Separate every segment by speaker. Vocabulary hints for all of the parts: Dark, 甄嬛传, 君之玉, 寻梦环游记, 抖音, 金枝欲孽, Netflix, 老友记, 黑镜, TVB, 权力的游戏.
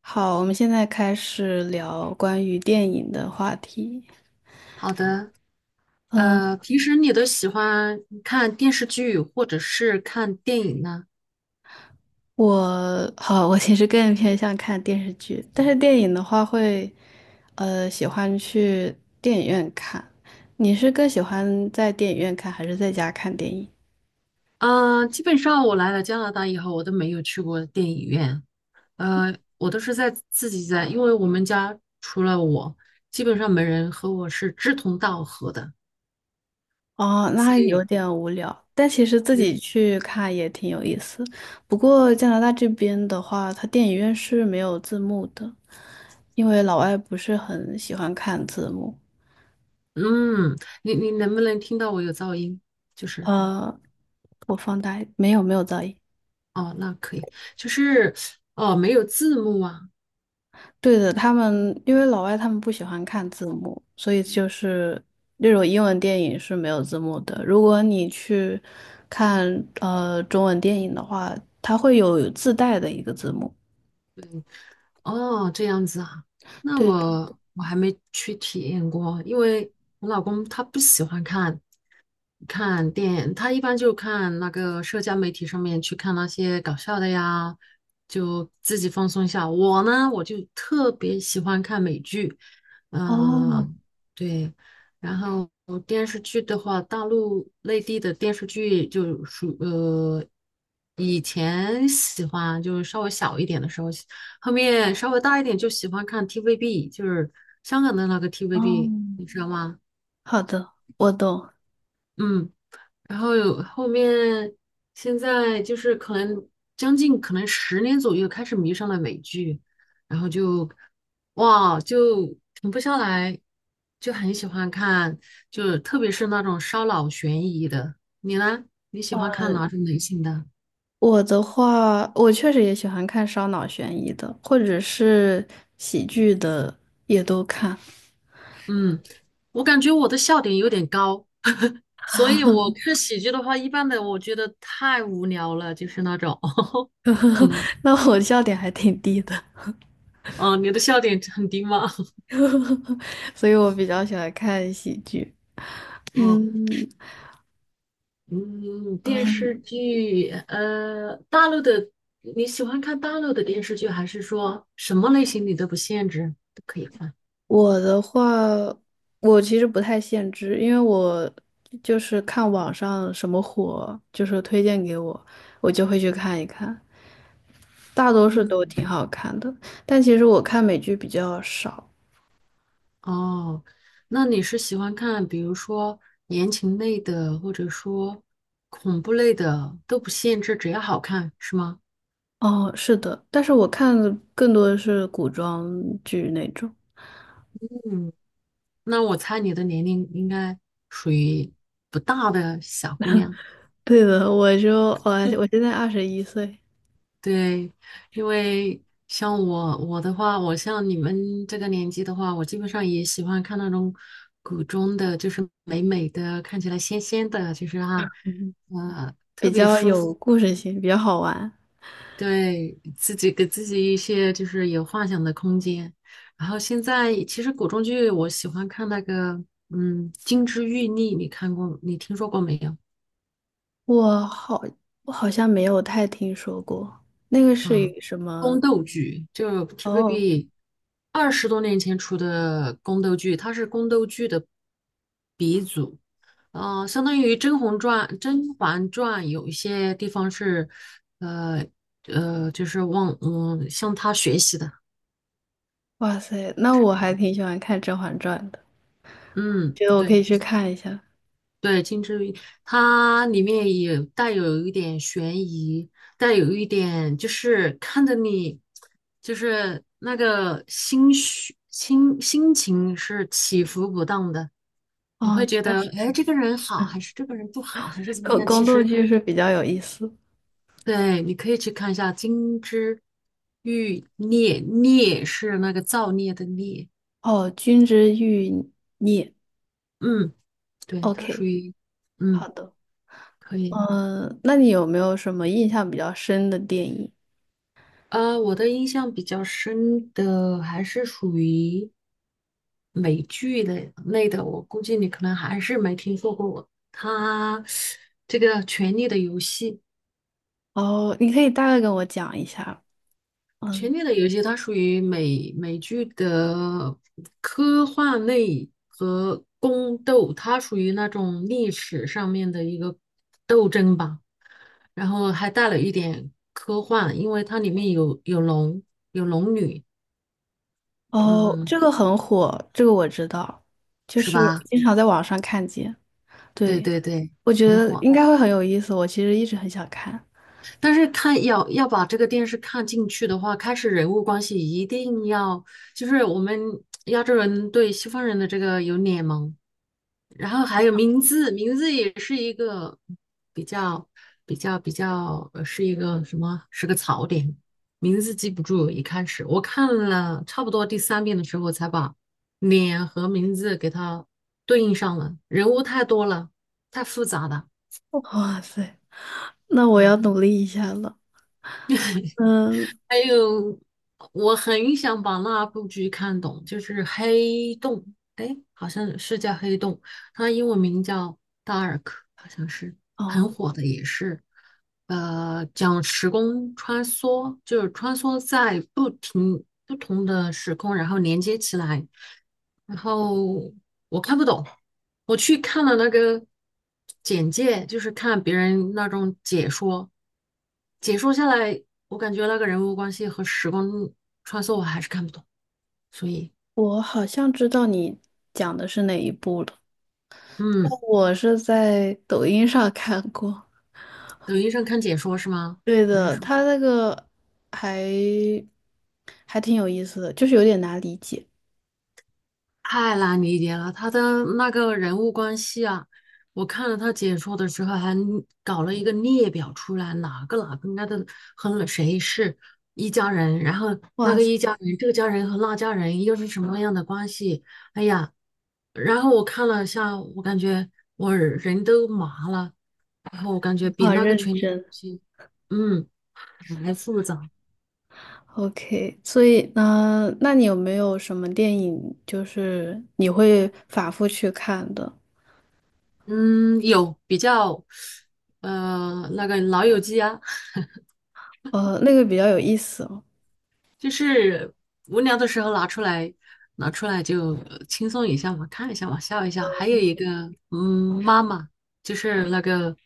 Speaker 1: 好，我们现在开始聊关于电影的话题。
Speaker 2: 好的，
Speaker 1: 嗯，
Speaker 2: 平时你都喜欢看电视剧或者是看电影呢？
Speaker 1: 我其实更偏向看电视剧，但是电影的话会，喜欢去电影院看。你是更喜欢在电影院看，还是在家看电影？
Speaker 2: 啊、基本上我来了加拿大以后，我都没有去过电影院，我都是在自己在，因为我们家除了我，基本上没人和我是志同道合的，
Speaker 1: 哦，那
Speaker 2: 所
Speaker 1: 还有
Speaker 2: 以，
Speaker 1: 点无聊，但其实自
Speaker 2: 对
Speaker 1: 己去看也挺有意思。不过加拿大这边的话，它电影院是没有字幕的，因为老外不是很喜欢看字幕。
Speaker 2: 嗯，你能不能听到我有噪音？就是，
Speaker 1: 呃，我放大一没有，没有噪音。
Speaker 2: 哦，那可以，就是，哦，没有字幕啊，
Speaker 1: 对的，他们因为老外他们不喜欢看字幕，所以就是那种英文电影是没有字幕的。如果你去看中文电影的话，它会有自带的一个字幕。
Speaker 2: 对，哦，这样子啊，那
Speaker 1: 对的，
Speaker 2: 我还没去体验过，因为我老公他不喜欢看，看电，他一般就看那个社交媒体上面去看那些搞笑的呀，就自己放松一下。我呢，我就特别喜欢看美剧，
Speaker 1: 哦，
Speaker 2: 嗯、对。然后电视剧的话，大陆内地的电视剧就属以前喜欢就是稍微小一点的时候，后面稍微大一点就喜欢看 TVB，就是香港的那个
Speaker 1: 哦，
Speaker 2: TVB，你知道吗？
Speaker 1: 好的，我懂。
Speaker 2: 嗯。然后有后面现在就是将近可能10年左右开始迷上了美剧，然后就哇就停不下来，就很喜欢看，就特别是那种烧脑悬疑的。你呢？你喜欢看哪种类型的？
Speaker 1: 我的话，我确实也喜欢看烧脑悬疑的，或者是喜剧的，也都看。
Speaker 2: 嗯，我感觉我的笑点有点高，所以我看喜剧的话，一般的我觉得太无聊了，就是那种，可能，
Speaker 1: 那我笑点还挺低的。
Speaker 2: 哦，你的笑点很低吗？
Speaker 1: 所以我比较喜欢看喜剧。
Speaker 2: 嗯。
Speaker 1: 嗯，
Speaker 2: 嗯，电视
Speaker 1: 嗯，
Speaker 2: 剧，大陆的，你喜欢看大陆的电视剧，还是说什么类型你都不限制，都可以看？
Speaker 1: 我的话，我其实不太限制，因为我就是看网上什么火，就是推荐给我，我就会去看一看，大多数都
Speaker 2: 嗯，
Speaker 1: 挺好看的。但其实我看美剧比较少。
Speaker 2: 哦，那你是喜欢看，比如说言情类的，或者说恐怖类的，都不限制，只要好看，是吗？
Speaker 1: 哦，是的，但是我看的更多的是古装剧那种。
Speaker 2: 嗯，那我猜你的年龄应该属于不大的小姑娘。
Speaker 1: 对的，我就我我现在21岁，
Speaker 2: 对，因为像我的话，我像你们这个年纪的话，我基本上也喜欢看那种古装的，就是美美的，看起来仙仙的，就是啊，呃，
Speaker 1: 比较有故事性，比较好玩。
Speaker 2: 对自己给自己一些就是有幻想的空间。然后现在其实古装剧我喜欢看那个，嗯，《金枝欲孽》，你看过，你听说过没有？
Speaker 1: 我好，我好像没有太听说过，那个是以什么？
Speaker 2: 宫斗剧，就
Speaker 1: 哦，
Speaker 2: TVB 20多年前出的宫斗剧，它是宫斗剧的鼻祖。相当于《甄嬛传》，《甄嬛传》有一些地方是，呃就是往向他学习的，
Speaker 1: 哇塞，那
Speaker 2: 是
Speaker 1: 我
Speaker 2: 这
Speaker 1: 还
Speaker 2: 样。
Speaker 1: 挺喜欢看《甄嬛传》的，
Speaker 2: 嗯，
Speaker 1: 觉得我可以
Speaker 2: 对。
Speaker 1: 去看一下。
Speaker 2: 对，金枝玉叶它里面也带有一点悬疑，带有一点就是看着你，就是那个心绪、心心情是起伏不当的，你
Speaker 1: 哦，
Speaker 2: 会
Speaker 1: 确
Speaker 2: 觉得，
Speaker 1: 实，
Speaker 2: 哎，这个人好，还是这个人不好，还是怎么
Speaker 1: 宫
Speaker 2: 样？
Speaker 1: 宫
Speaker 2: 其
Speaker 1: 斗
Speaker 2: 实，
Speaker 1: 剧是比较有意思。
Speaker 2: 对，你可以去看一下《金枝玉孽》，孽是那个造孽的孽，
Speaker 1: 哦，《君之玉》
Speaker 2: 嗯，对，它属
Speaker 1: ，OK，
Speaker 2: 于，嗯，
Speaker 1: 好的。
Speaker 2: 可以。
Speaker 1: 嗯，那你有没有什么印象比较深的电影？
Speaker 2: 我的印象比较深的还是属于美剧的类的，我估计你可能还是没听说过它这个《权力的游戏》。
Speaker 1: 哦，你可以大概跟我讲一下。
Speaker 2: 《权
Speaker 1: 嗯，
Speaker 2: 力的游戏》它属于美剧的科幻类和宫斗，它属于那种历史上面的一个斗争吧，然后还带了一点科幻，因为它里面有龙，女，
Speaker 1: 哦，
Speaker 2: 嗯，
Speaker 1: 这个很火，这个我知道，就
Speaker 2: 是
Speaker 1: 是
Speaker 2: 吧？
Speaker 1: 经常在网上看见。
Speaker 2: 对
Speaker 1: 对。
Speaker 2: 对对，
Speaker 1: 我觉
Speaker 2: 很
Speaker 1: 得
Speaker 2: 火。
Speaker 1: 应该会很有意思，我其实一直很想看。
Speaker 2: 但是看要把这个电视看进去的话，开始人物关系一定要，就是我们亚洲人对西方人的这个有脸盲，然后还有名字，名字也是一个比较比较，是一个什么？是个槽点，名字记不住。一开始我看了差不多第三遍的时候，才把脸和名字给它对应上了。人物太多了，太复杂了。
Speaker 1: 哇塞，那我
Speaker 2: 嗯
Speaker 1: 要努力一下了。嗯
Speaker 2: 还有，我很想把那部剧看懂，就是《黑洞》，哎，好像是叫《黑洞》，它英文名叫《Dark》，好像是很
Speaker 1: 哦，
Speaker 2: 火的，也是，讲时空穿梭，就是穿梭在不同的时空，然后连接起来，然后我看不懂，我去看了那个简介，就是看别人那种解说，解说下来，我感觉那个人物关系和时光穿梭我还是看不懂，所以，
Speaker 1: 我好像知道你讲的是哪一部了。
Speaker 2: 嗯，
Speaker 1: 我是在抖音上看过。
Speaker 2: 抖音上看解说是吗？
Speaker 1: 对
Speaker 2: 还是
Speaker 1: 的，
Speaker 2: 说？
Speaker 1: 他那个还还挺有意思的，就是有点难理解。
Speaker 2: 太难理解了，他的那个人物关系啊，我看了他解说的时候，还搞了一个列表出来，哪个该个和谁是一家人，然后那
Speaker 1: 哇
Speaker 2: 个
Speaker 1: 塞，
Speaker 2: 一家人，这个家人和那家人又是什么样的关系？哎呀，然后我看了一下，我感觉我人都麻了，然后我感觉
Speaker 1: 你
Speaker 2: 比
Speaker 1: 好
Speaker 2: 那个
Speaker 1: 认
Speaker 2: 权力游
Speaker 1: 真。
Speaker 2: 戏，嗯，还复杂，
Speaker 1: OK，所以呢，那你有没有什么电影就是你会反复去看的？
Speaker 2: 嗯，有比较，那个老友记啊。
Speaker 1: 那个比较有意思哦。
Speaker 2: 就是无聊的时候拿出来，拿出来就轻松一下嘛，看一下嘛，笑一下。还有一个，嗯，妈妈，就是那个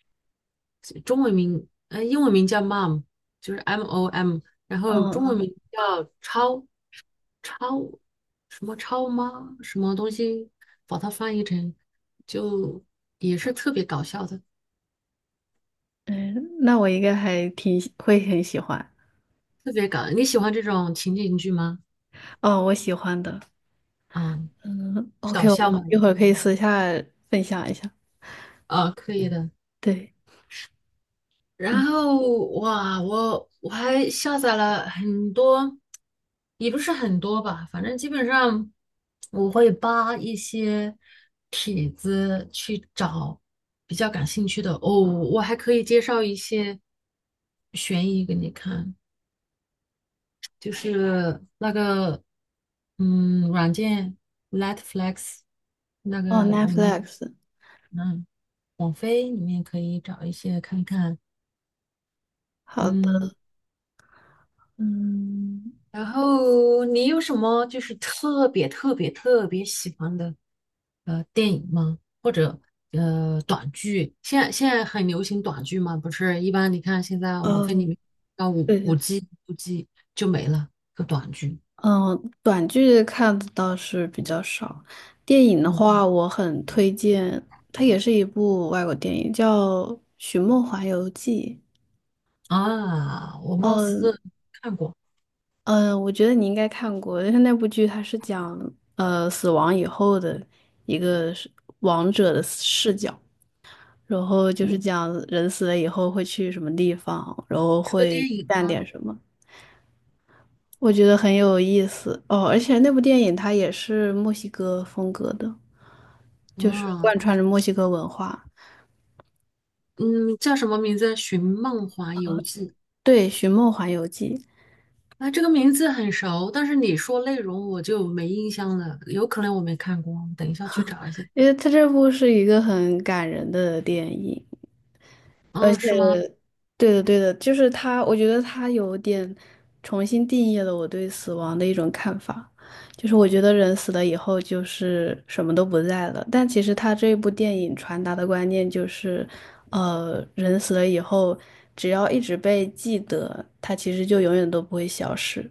Speaker 2: 中文名，英文名叫 mom，就是 M O M，然后中文
Speaker 1: 嗯
Speaker 2: 名叫超什么超妈什么东西，把它翻译成就也是特别搞笑的，
Speaker 1: 嗯，那我应该还挺喜会很喜欢。
Speaker 2: 特别搞。你喜欢这种情景剧吗？
Speaker 1: 哦，我喜欢的。
Speaker 2: 嗯，
Speaker 1: 嗯
Speaker 2: 搞
Speaker 1: ，OK，我
Speaker 2: 笑吗？
Speaker 1: 们一会儿可以私下分享一下。
Speaker 2: 啊，可以的。
Speaker 1: 对，嗯，
Speaker 2: 然后哇，我还下载了很多，也不是很多吧，反正基本上我会扒一些帖子去找比较感兴趣的。哦，我还可以介绍一些悬疑给你看，就是那个嗯软件 n e t f l e x 那
Speaker 1: 哦
Speaker 2: 个里面，
Speaker 1: ，Netflix，
Speaker 2: 嗯，网飞里面可以找一些看看，
Speaker 1: 好
Speaker 2: 嗯。
Speaker 1: 的，嗯，
Speaker 2: 然后你有什么就是特别特别特别喜欢的电影吗？或者短剧？现在很流行短剧嘛，不是？一般你看现在网飞里
Speaker 1: 哦，
Speaker 2: 面啊五
Speaker 1: 对
Speaker 2: 五
Speaker 1: 对，
Speaker 2: G 五 G 就没了个短剧。
Speaker 1: 嗯，短剧看的倒是比较少，电影的
Speaker 2: 嗯
Speaker 1: 话，我很推荐，它也是一部外国电影，叫《寻梦环游记》。
Speaker 2: 啊，我貌
Speaker 1: 嗯。
Speaker 2: 似看过，
Speaker 1: 嗯，我觉得你应该看过，但是那部剧它是讲死亡以后的一个是王者的视角，然后就是讲人死了以后会去什么地方，然后
Speaker 2: 是个
Speaker 1: 会
Speaker 2: 电影
Speaker 1: 干
Speaker 2: 吗？
Speaker 1: 点什么，我觉得很有意思哦。而且那部电影它也是墨西哥风格的，就是
Speaker 2: 啊，
Speaker 1: 贯穿着墨西哥文化。
Speaker 2: 嗯，叫什么名字？《寻梦环游记》
Speaker 1: 对，《寻梦环游记》，
Speaker 2: 啊，这个名字很熟，但是你说内容我就没印象了，有可能我没看过，等一下去找一下。
Speaker 1: 因为它这部是一个很感人的电影。而
Speaker 2: 啊，
Speaker 1: 且，
Speaker 2: 是吗？
Speaker 1: 对的，对的，就是他，我觉得他有点重新定义了我对死亡的一种看法，就是我觉得人死了以后就是什么都不在了，但其实他这部电影传达的观念就是，人死了以后，只要一直被记得，他其实就永远都不会消失，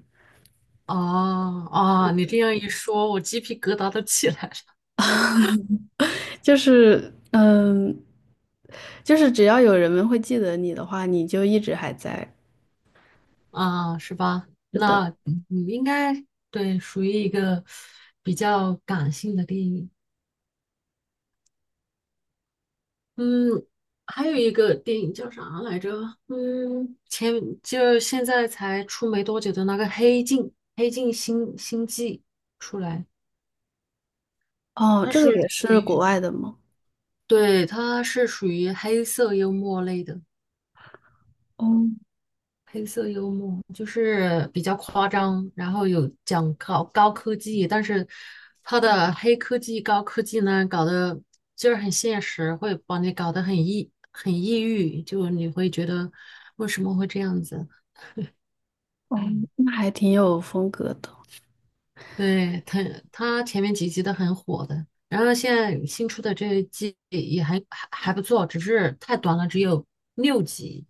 Speaker 2: 哦啊，你这样一说，我鸡皮疙瘩都起来了。
Speaker 1: 就是嗯，就是只要有人们会记得你的话，你就一直还在。
Speaker 2: 啊，是吧？
Speaker 1: 是的，
Speaker 2: 那嗯你应该对，属于一个比较感性的电影。嗯，还有一个电影叫啥来着？嗯，前就现在才出没多久的那个《黑镜》，《黑镜》新季出来，
Speaker 1: 哦，
Speaker 2: 它
Speaker 1: 这个
Speaker 2: 是
Speaker 1: 也
Speaker 2: 属
Speaker 1: 是国
Speaker 2: 于。
Speaker 1: 外的吗？
Speaker 2: 对，它是属于黑色幽默类的，
Speaker 1: 哦
Speaker 2: 黑色幽默就是比较夸张，然后有讲高科技，但是它的黑科技、高科技呢，搞得就是很现实，会把你搞得很抑郁，就你会觉得为什么会这样子？
Speaker 1: 哦，那还挺有风格的。
Speaker 2: 对，它前面几集都很火的，然后现在新出的这一季也还不错，只是太短了，只有6集，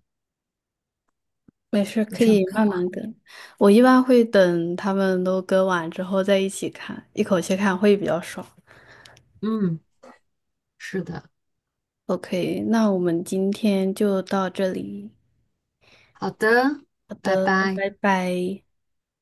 Speaker 1: 没事，
Speaker 2: 我
Speaker 1: 可
Speaker 2: 全
Speaker 1: 以
Speaker 2: 部看
Speaker 1: 慢
Speaker 2: 完。
Speaker 1: 慢跟。我一般会等他们都跟完之后再一起看，一口气看会比较爽。
Speaker 2: 嗯，是的。
Speaker 1: OK，那我们今天就到这里。
Speaker 2: 好的，
Speaker 1: 好
Speaker 2: 拜
Speaker 1: 的，
Speaker 2: 拜。
Speaker 1: 拜拜。